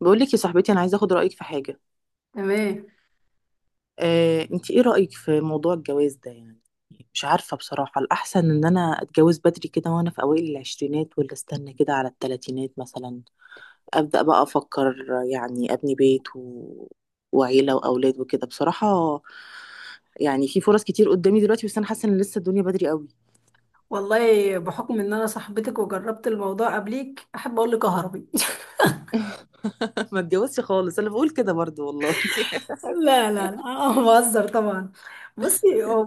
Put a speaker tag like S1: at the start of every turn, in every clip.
S1: بقول لك يا صاحبتي انا عايزه اخد رايك في حاجه.
S2: تمام.
S1: انت ايه رايك في موضوع الجواز ده يعني؟ مش عارفه بصراحه، الاحسن ان انا اتجوز بدري كده وانا في اوائل العشرينات، ولا استنى كده على التلاتينات مثلا؟ ابدا بقى افكر، يعني ابني بيت وعيله واولاد وكده بصراحه. يعني في فرص كتير قدامي دلوقتي، بس انا حاسه ان لسه الدنيا بدري قوي.
S2: والله بحكم ان انا صاحبتك وجربت الموضوع قبليك احب اقول لك هربي.
S1: ما اتجوزش خالص، انا بقول كده برضو والله.
S2: لا لا لا، أنا بهزر طبعا. بصي، هو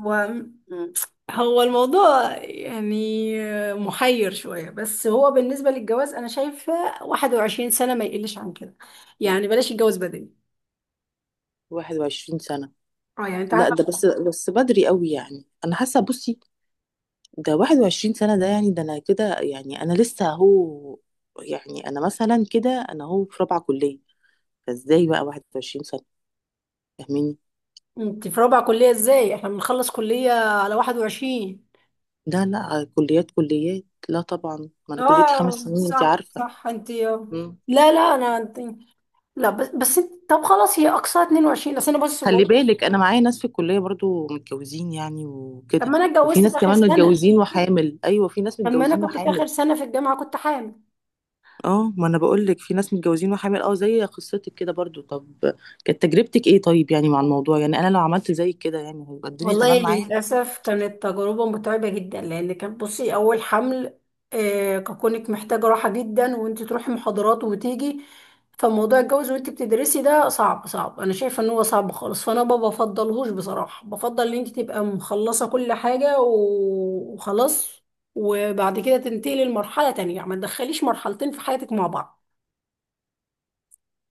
S2: هو الموضوع يعني محير شوية، بس هو بالنسبة للجواز أنا شايفة 21 سنة ما يقلش عن كده. يعني بلاش الجواز بدري.
S1: 21 سنة؟
S2: اه، يعني أنت
S1: لا،
S2: عارفة.
S1: ده بس بدري قوي يعني، انا حاسه. بصي، ده 21 سنة ده يعني، ده أنا كده يعني أنا لسه هو يعني أنا مثلا كده أنا هو في رابعة كلية، فإزاي بقى 21 سنة؟ فاهميني.
S2: أنت في رابعة كلية؟ إزاي احنا بنخلص كلية على 21؟
S1: لا لا، كليات كليات، لا طبعا. ما أنا كليتي
S2: اه،
S1: 5 سنين أنت
S2: صح
S1: عارفة.
S2: صح. أنت، لا
S1: مم.
S2: لا أنا أنت، لا، بس طب خلاص هي اقصاها 22، بس انا بص بقول
S1: خلي
S2: لك،
S1: بالك أنا معايا ناس في الكلية برضو متجوزين يعني
S2: طب
S1: وكده.
S2: ما انا
S1: وفي
S2: اتجوزت في
S1: ناس
S2: اخر
S1: كمان
S2: سنه.
S1: متجوزين وحامل، أيوة في ناس
S2: طب ما انا
S1: متجوزين
S2: كنت في اخر
S1: وحامل.
S2: سنه في الجامعه كنت حامل.
S1: اه، ما انا بقول لك في ناس متجوزين وحامل، اه زي قصتك كده برضو. طب كانت تجربتك ايه طيب يعني مع الموضوع؟ يعني انا لو عملت زي كده يعني هيبقى الدنيا تمام
S2: والله
S1: معايا؟
S2: للاسف كانت تجربه متعبه جدا، لان كان بصي اول حمل. ككونك محتاجه راحه جدا وانت تروحي محاضرات وتيجي. فموضوع الجواز وانت بتدرسي ده صعب صعب، انا شايفه ان هو صعب خالص، فانا ما بفضلهوش بصراحه، بفضل ان انت تبقى مخلصه كل حاجه وخلاص. وبعد كده تنتقلي لمرحله تانية، يعني ما تدخليش مرحلتين في حياتك مع بعض.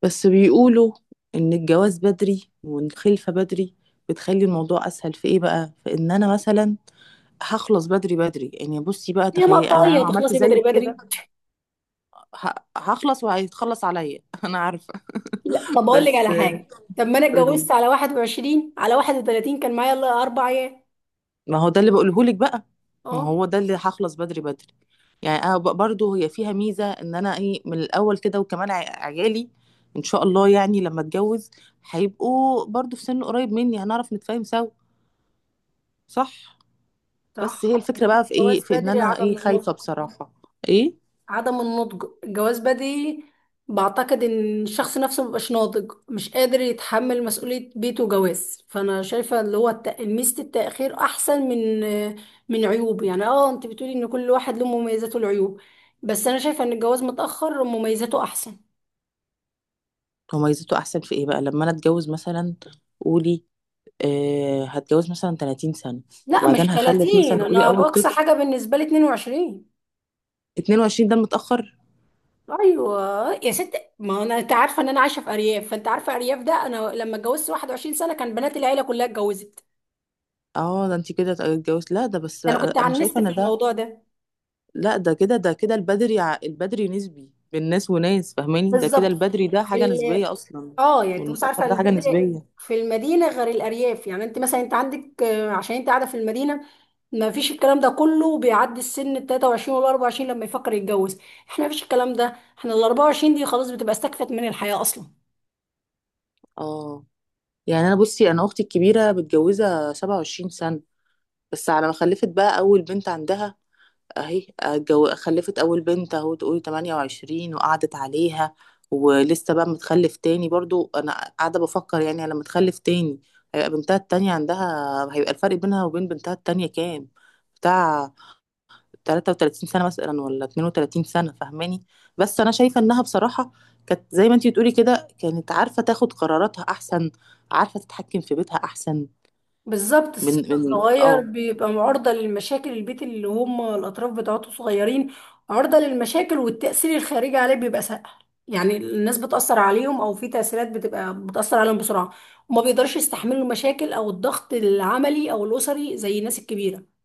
S1: بس بيقولوا ان الجواز بدري والخلفة بدري بتخلي الموضوع اسهل. في ايه بقى؟ في ان انا مثلا هخلص بدري بدري يعني. بصي بقى
S2: هي
S1: تخيل، يعني انا
S2: مقطعيه
S1: لو عملت
S2: تخلصي
S1: زي
S2: بدري
S1: كده
S2: بدري.
S1: هخلص وهيتخلص عليا. انا عارفة.
S2: لا، طب اقول لك
S1: بس
S2: على حاجه، طب ما انا اتجوزت
S1: قولي.
S2: على 21، على 31 كان معايا الا 4 ايام.
S1: ما هو ده اللي بقوله لك بقى. ما
S2: اه
S1: هو ده اللي هخلص بدري بدري. يعني انا برضو هي فيها ميزه، ان انا ايه من الاول كده، وكمان عيالي ان شاء الله يعني لما اتجوز هيبقوا برضو في سن قريب مني، هنعرف نتفاهم سوا. صح. بس
S2: صح.
S1: هي الفكره بقى في ايه؟
S2: الجواز
S1: في ان
S2: بدري
S1: انا ايه
S2: عدم النضج.
S1: خايفه بصراحه. ايه.
S2: عدم النضج الجواز بدري. بعتقد ان الشخص نفسه مبقاش ناضج مش قادر يتحمل مسؤولية بيته وجواز، فانا شايفة اللي هو ميزة التأخير احسن من عيوب، يعني اه انت بتقولي ان كل واحد له مميزاته والعيوب، بس انا شايفة ان الجواز متأخر مميزاته احسن.
S1: هو ميزته احسن في ايه بقى لما انا اتجوز مثلا؟ قولي. آه هتجوز مثلا 30 سنه،
S2: لا مش
S1: وبعدين هخلف مثلا،
S2: 30،
S1: قولي،
S2: انا
S1: اول
S2: باقصى
S1: طفل.
S2: حاجة بالنسبة لي 22.
S1: 22 ده متاخر؟
S2: ايوه. يا ست، ما انا انت عارفه ان انا عايشه في ارياف، فانت عارفه ارياف ده انا لما اتجوزت 21 سنه كان بنات العيله كلها اتجوزت.
S1: اه. ده انت كده اتجوزت. لا، ده بس
S2: ده انا كنت
S1: انا
S2: عنست
S1: شايفه ان
S2: في
S1: ده...
S2: الموضوع ده.
S1: لا، ده كده، ده كده البدري، البدري نسبي بين ناس وناس، فاهماني؟ ده كده
S2: بالظبط.
S1: البدري ده
S2: في
S1: حاجه
S2: ال...
S1: نسبيه اصلا.
S2: اه يعني انت مش
S1: والمتاخر
S2: عارفه
S1: ده حاجه
S2: البدر
S1: نسبيه.
S2: في المدينه غير الارياف، يعني انت مثلا انت عندك، عشان انت قاعده في المدينه ما فيش الكلام ده كله، بيعدي السن ال 23 وال 24 لما يفكر يتجوز. احنا ما فيش الكلام ده، احنا ال 24 دي خلاص بتبقى استكفت من الحياه اصلا.
S1: اه. يعني انا بصي، انا اختي الكبيره متجوزه 27 سنه. بس على ما خلفت بقى اول بنت عندها، اهي جو خلفت اول بنت اهو، تقولي 28، وقعدت عليها. ولسه بقى متخلف تاني برضو. انا قاعده بفكر يعني لما تخلف تاني، هيبقى بنتها التانية عندها، هيبقى الفرق بينها وبين بنتها التانية كام، بتاع 33 سنة مثلا، ولا 32 سنة؟ فاهماني؟ بس انا شايفة انها بصراحة كانت زي ما انتي بتقولي كده، كانت عارفة تاخد قراراتها احسن، عارفة تتحكم في بيتها احسن.
S2: بالظبط.
S1: من
S2: السن
S1: من
S2: الصغير
S1: اه.
S2: بيبقى معرضة للمشاكل، البيت اللي هم الأطراف بتاعته صغيرين، عرضة للمشاكل والتأثير الخارجي عليه بيبقى سهل. يعني الناس بتأثر عليهم أو في تأثيرات بتبقى بتأثر عليهم بسرعة، وما بيقدرش يستحملوا المشاكل أو الضغط العملي أو الأسري زي الناس الكبيرة.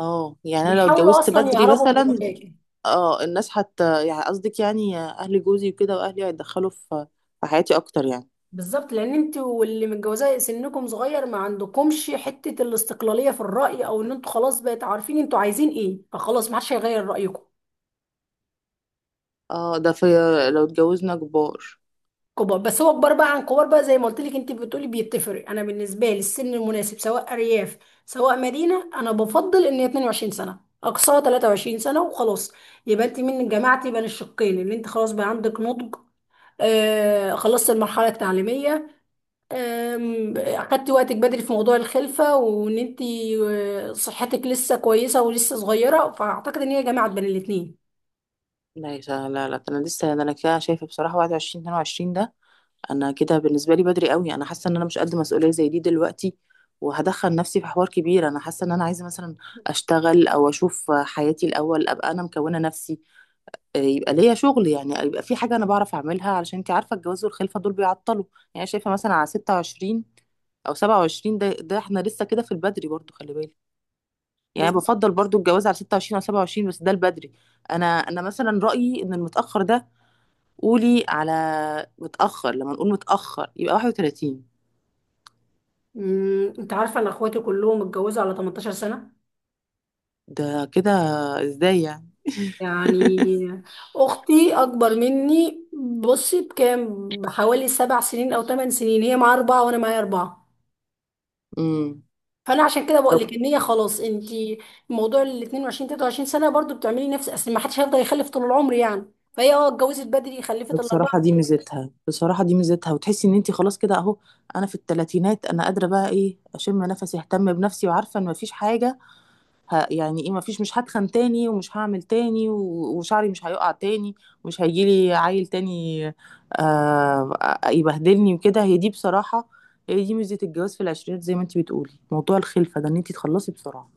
S1: اه يعني انا لو
S2: بيحاولوا
S1: اتجوزت
S2: أصلا
S1: بدري
S2: يهربوا من
S1: مثلا.
S2: المشاكل.
S1: اه الناس حتى، يعني قصدك يعني اهل جوزي وكده واهلي هيتدخلوا في في حياتي اكتر يعني.
S2: بالظبط، لأن أنت واللي متجوزاه سنكم صغير ما عندكمش حتة الاستقلالية في الرأي، أو إن أنتوا خلاص بقيت عارفين أنتوا عايزين إيه، فخلاص ما حدش هيغير رأيكم.
S1: اه ده في، لو اتجوزنا كبار.
S2: كبار، بس هو كبار بقى عن كبار بقى، زي ما قلت لك انت بتقولي بيتفرق. انا بالنسبه لي السن المناسب، سواء ارياف سواء مدينه، انا بفضل ان هي 22 سنه اقصاها 23 سنه وخلاص. يبقى انت من جماعتي بين الشقين، اللي انت خلاص بقى عندك نضج، خلصت المرحله التعليميه، اخدتي وقتك بدري في موضوع الخلفه، وان انت صحتك لسه كويسه ولسه صغيره، فاعتقد ان هي جماعه بين الاثنين.
S1: لا يا لا لا، ده انا لسه، ده انا كده شايفه بصراحه 21 22 ده انا كده بالنسبه لي بدري قوي. انا حاسه ان انا مش قد مسؤوليه زي دي دلوقتي، وهدخل نفسي في حوار كبير. انا حاسه ان انا عايزه مثلا اشتغل او اشوف حياتي الاول، ابقى انا مكونه نفسي. يبقى ليا شغل يعني، يبقى في حاجة أنا بعرف أعملها، علشان أنت عارفة الجواز والخلفة دول بيعطلوا. يعني شايفة مثلا على 26 أو 27، ده ده احنا لسه كده في البدري برضو خلي بالك.
S2: بس
S1: يعني بفضل برضو الجواز على 26 أو 27، بس ده البدري. أنا مثلا رأيي إن المتأخر ده... قولي على متأخر. لما نقول متأخر يبقى 31.
S2: انت عارفه ان اخواتي كلهم اتجوزوا على 18 سنه.
S1: ده كده إزاي يعني؟
S2: يعني اختي اكبر مني بصي بكام؟ بحوالي 7 سنين او 8 سنين. هي معاها اربعه وانا معايا اربعه.
S1: امم
S2: فانا عشان كده بقول لك ان هي خلاص انت، موضوع ال 22 23 سنه برضو بتعملي نفس، اصل ما حدش هيفضل يخلف طول العمر يعني، فهي اه اتجوزت بدري خلفت
S1: بصراحة
S2: الاربعه.
S1: دي ميزتها. بصراحة دي ميزتها، وتحسي ان انتي خلاص كده اهو، انا في التلاتينات انا قادرة بقى، ايه، اشم نفسي، اهتم بنفسي، وعارفة ان مفيش حاجة يعني ايه، مفيش، مش هتخن تاني ومش هعمل تاني وشعري مش هيقع تاني، ومش هيجيلي عيل تاني آه... يبهدلني وكده. هي دي بصراحة، هي دي ميزة الجواز في العشرينات، زي ما انتي بتقولي موضوع الخلفة ده ان انتي تخلصي بسرعة.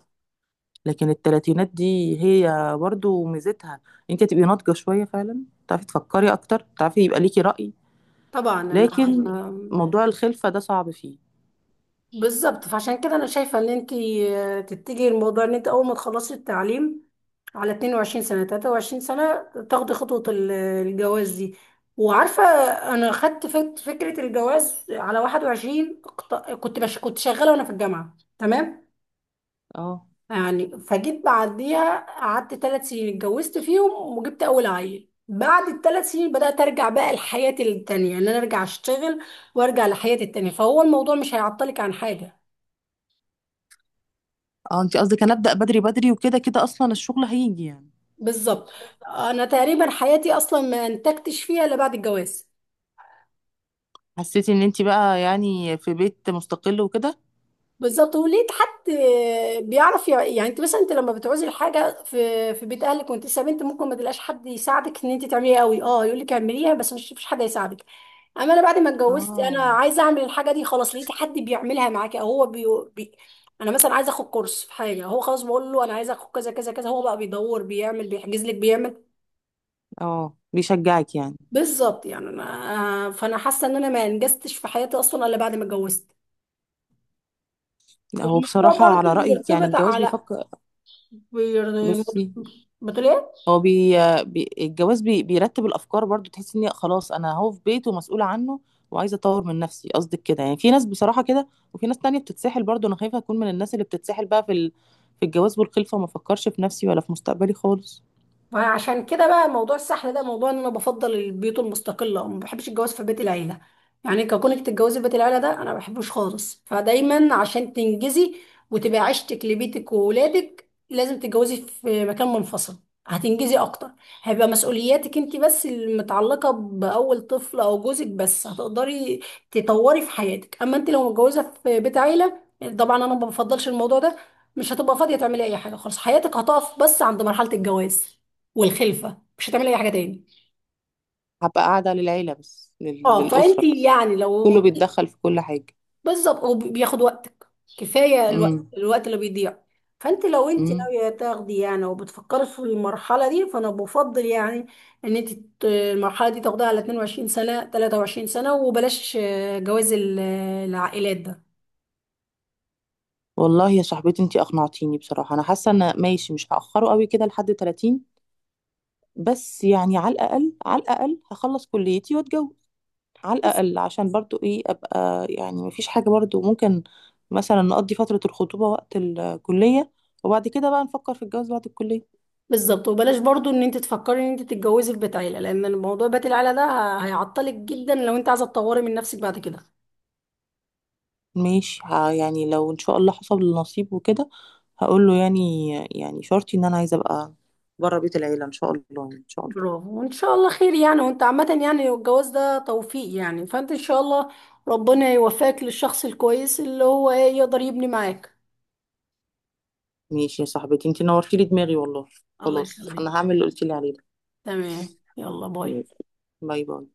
S1: لكن التلاتينات دي هي برضو ميزتها، انتي هتبقي ناضجة شوية فعلا، تعرفي تفكري اكتر، تعرفي يبقى ليكي رأي.
S2: طبعا انا.
S1: لكن موضوع الخلفة ده صعب فيه.
S2: بالظبط، فعشان كده انا شايفه ان انت تتجهي الموضوع ان انت اول ما تخلصي التعليم على 22 سنه 23 سنه، تاخدي خطوه الجواز دي. وعارفه، انا خدت فكره الجواز على 21، كنت شغاله وانا في الجامعه تمام،
S1: اه.
S2: يعني فجيت بعديها قعدت 3 سنين اتجوزت فيهم وجبت اول عيل، بعد الثلاث سنين بدأت أرجع بقى لحياتي التانية، إن أنا أرجع أشتغل وأرجع لحياتي التانية، فهو الموضوع مش هيعطلك عن حاجة.
S1: اه انت قصدك هنبدأ بدري بدري وكده كده اصلا الشغل هيجي يعني.
S2: بالظبط. انا تقريبا حياتي اصلا ما انتجتش فيها الا بعد الجواز.
S1: حسيتي ان انت بقى يعني في بيت مستقل وكده.
S2: بالظبط، ولقيت حد بيعرف يعني انت مثلا انت لما بتعوزي الحاجه في بيت اهلك وانت لسه بنت ممكن ما تلاقيش حد يساعدك ان انت تعمليها قوي، اه يقول لك اعمليها بس، مش مفيش حد هيساعدك. اما انا بعد ما اتجوزت انا
S1: اه.
S2: عايزه اعمل الحاجه دي خلاص، لقيت حد بيعملها معاكي، او هو بي... انا مثلا عايزه اخد كورس في حاجه هو خلاص بقول له انا عايزه اخد كذا كذا كذا، هو بقى بيدور بيعمل بيحجز لك بيعمل.
S1: اه بيشجعك يعني.
S2: بالظبط، يعني انا فانا حاسه ان انا ما انجزتش في حياتي اصلا الا بعد ما اتجوزت.
S1: هو بصراحة
S2: والموضوع
S1: على
S2: برضو
S1: رأيك يعني
S2: بيرتبط
S1: الجواز
S2: على
S1: بيفكر.
S2: بير...
S1: بصي،
S2: بتقول إيه؟
S1: هو الجواز بيرتب الافكار برضو، تحس ان خلاص انا هو في بيت ومسؤوله عنه، وعايزه اطور من نفسي. قصدك كده يعني؟ في ناس بصراحه كده، وفي ناس تانية بتتسحل برضو. انا خايفه اكون من الناس اللي بتتسحل بقى في في الجواز والخلفه، وما افكرش في نفسي ولا في مستقبلي خالص.
S2: فعشان كده بقى موضوع السحر ده، موضوع ان انا بفضل البيوت المستقله، ما بحبش الجواز في بيت العيله، يعني كونك تتجوزي في بيت العيله ده انا ما بحبوش خالص. فدايما عشان تنجزي وتبقى عشتك لبيتك وولادك، لازم تتجوزي في مكان منفصل. هتنجزي اكتر، هيبقى مسؤولياتك انت بس المتعلقه باول طفل او جوزك بس، هتقدري تطوري في حياتك، اما انت لو متجوزه في بيت عيله، طبعا انا ما بفضلش الموضوع ده، مش هتبقى فاضيه تعملي اي حاجه خالص، حياتك هتقف بس عند مرحله الجواز والخلفه مش هتعملي اي حاجه تاني.
S1: هبقى قاعده للعيله بس،
S2: اه، فانت
S1: للاسره بس.
S2: يعني لو.
S1: كله بيتدخل في كل حاجه.
S2: بالظبط، وبياخد وقتك، كفايه الوقت
S1: امم
S2: الوقت اللي بيضيع. فانت لو انت
S1: امم
S2: ناويه تاخدي يعني، وبتفكري في المرحله دي، فانا بفضل يعني ان انت المرحله دي تاخديها على 22 سنه 23 سنه، وبلاش جواز العائلات ده.
S1: والله يا صاحبتي انتي اقنعتيني بصراحه. انا حاسه ان ماشي، مش هاخره قوي كده لحد 30، بس يعني على الاقل على الاقل هخلص كليتي واتجوز. على الأقل عشان برضو إيه، أبقى يعني مفيش حاجة برضو، ممكن مثلا نقضي فترة الخطوبة وقت الكلية، وبعد كده بقى نفكر في الجواز بعد الكلية.
S2: بالظبط، وبلاش برضو ان انت تفكري ان انت تتجوزي في بيت عيله، لان الموضوع بيت العيله ده هيعطلك جدا لو انت عايزه تطوري من نفسك بعد كده.
S1: ماشي. يعني لو إن شاء الله حصل النصيب وكده، هقول له يعني، يعني شرطي إن أنا عايزة أبقى بره بيت العيلة إن شاء الله. يعني إن شاء الله.
S2: برافو، وان شاء الله خير يعني. وانت عامة يعني الجواز ده توفيق يعني، فانت ان شاء الله ربنا يوفقك للشخص الكويس اللي هو ايه يقدر يبني معاك.
S1: ماشي يا صاحبتي، انتي نورتي لي دماغي والله.
S2: الله
S1: خلاص
S2: يخليك.
S1: أنا هعمل اللي قلتي لي عليه ده.
S2: تمام، يلا باي.
S1: باي باي.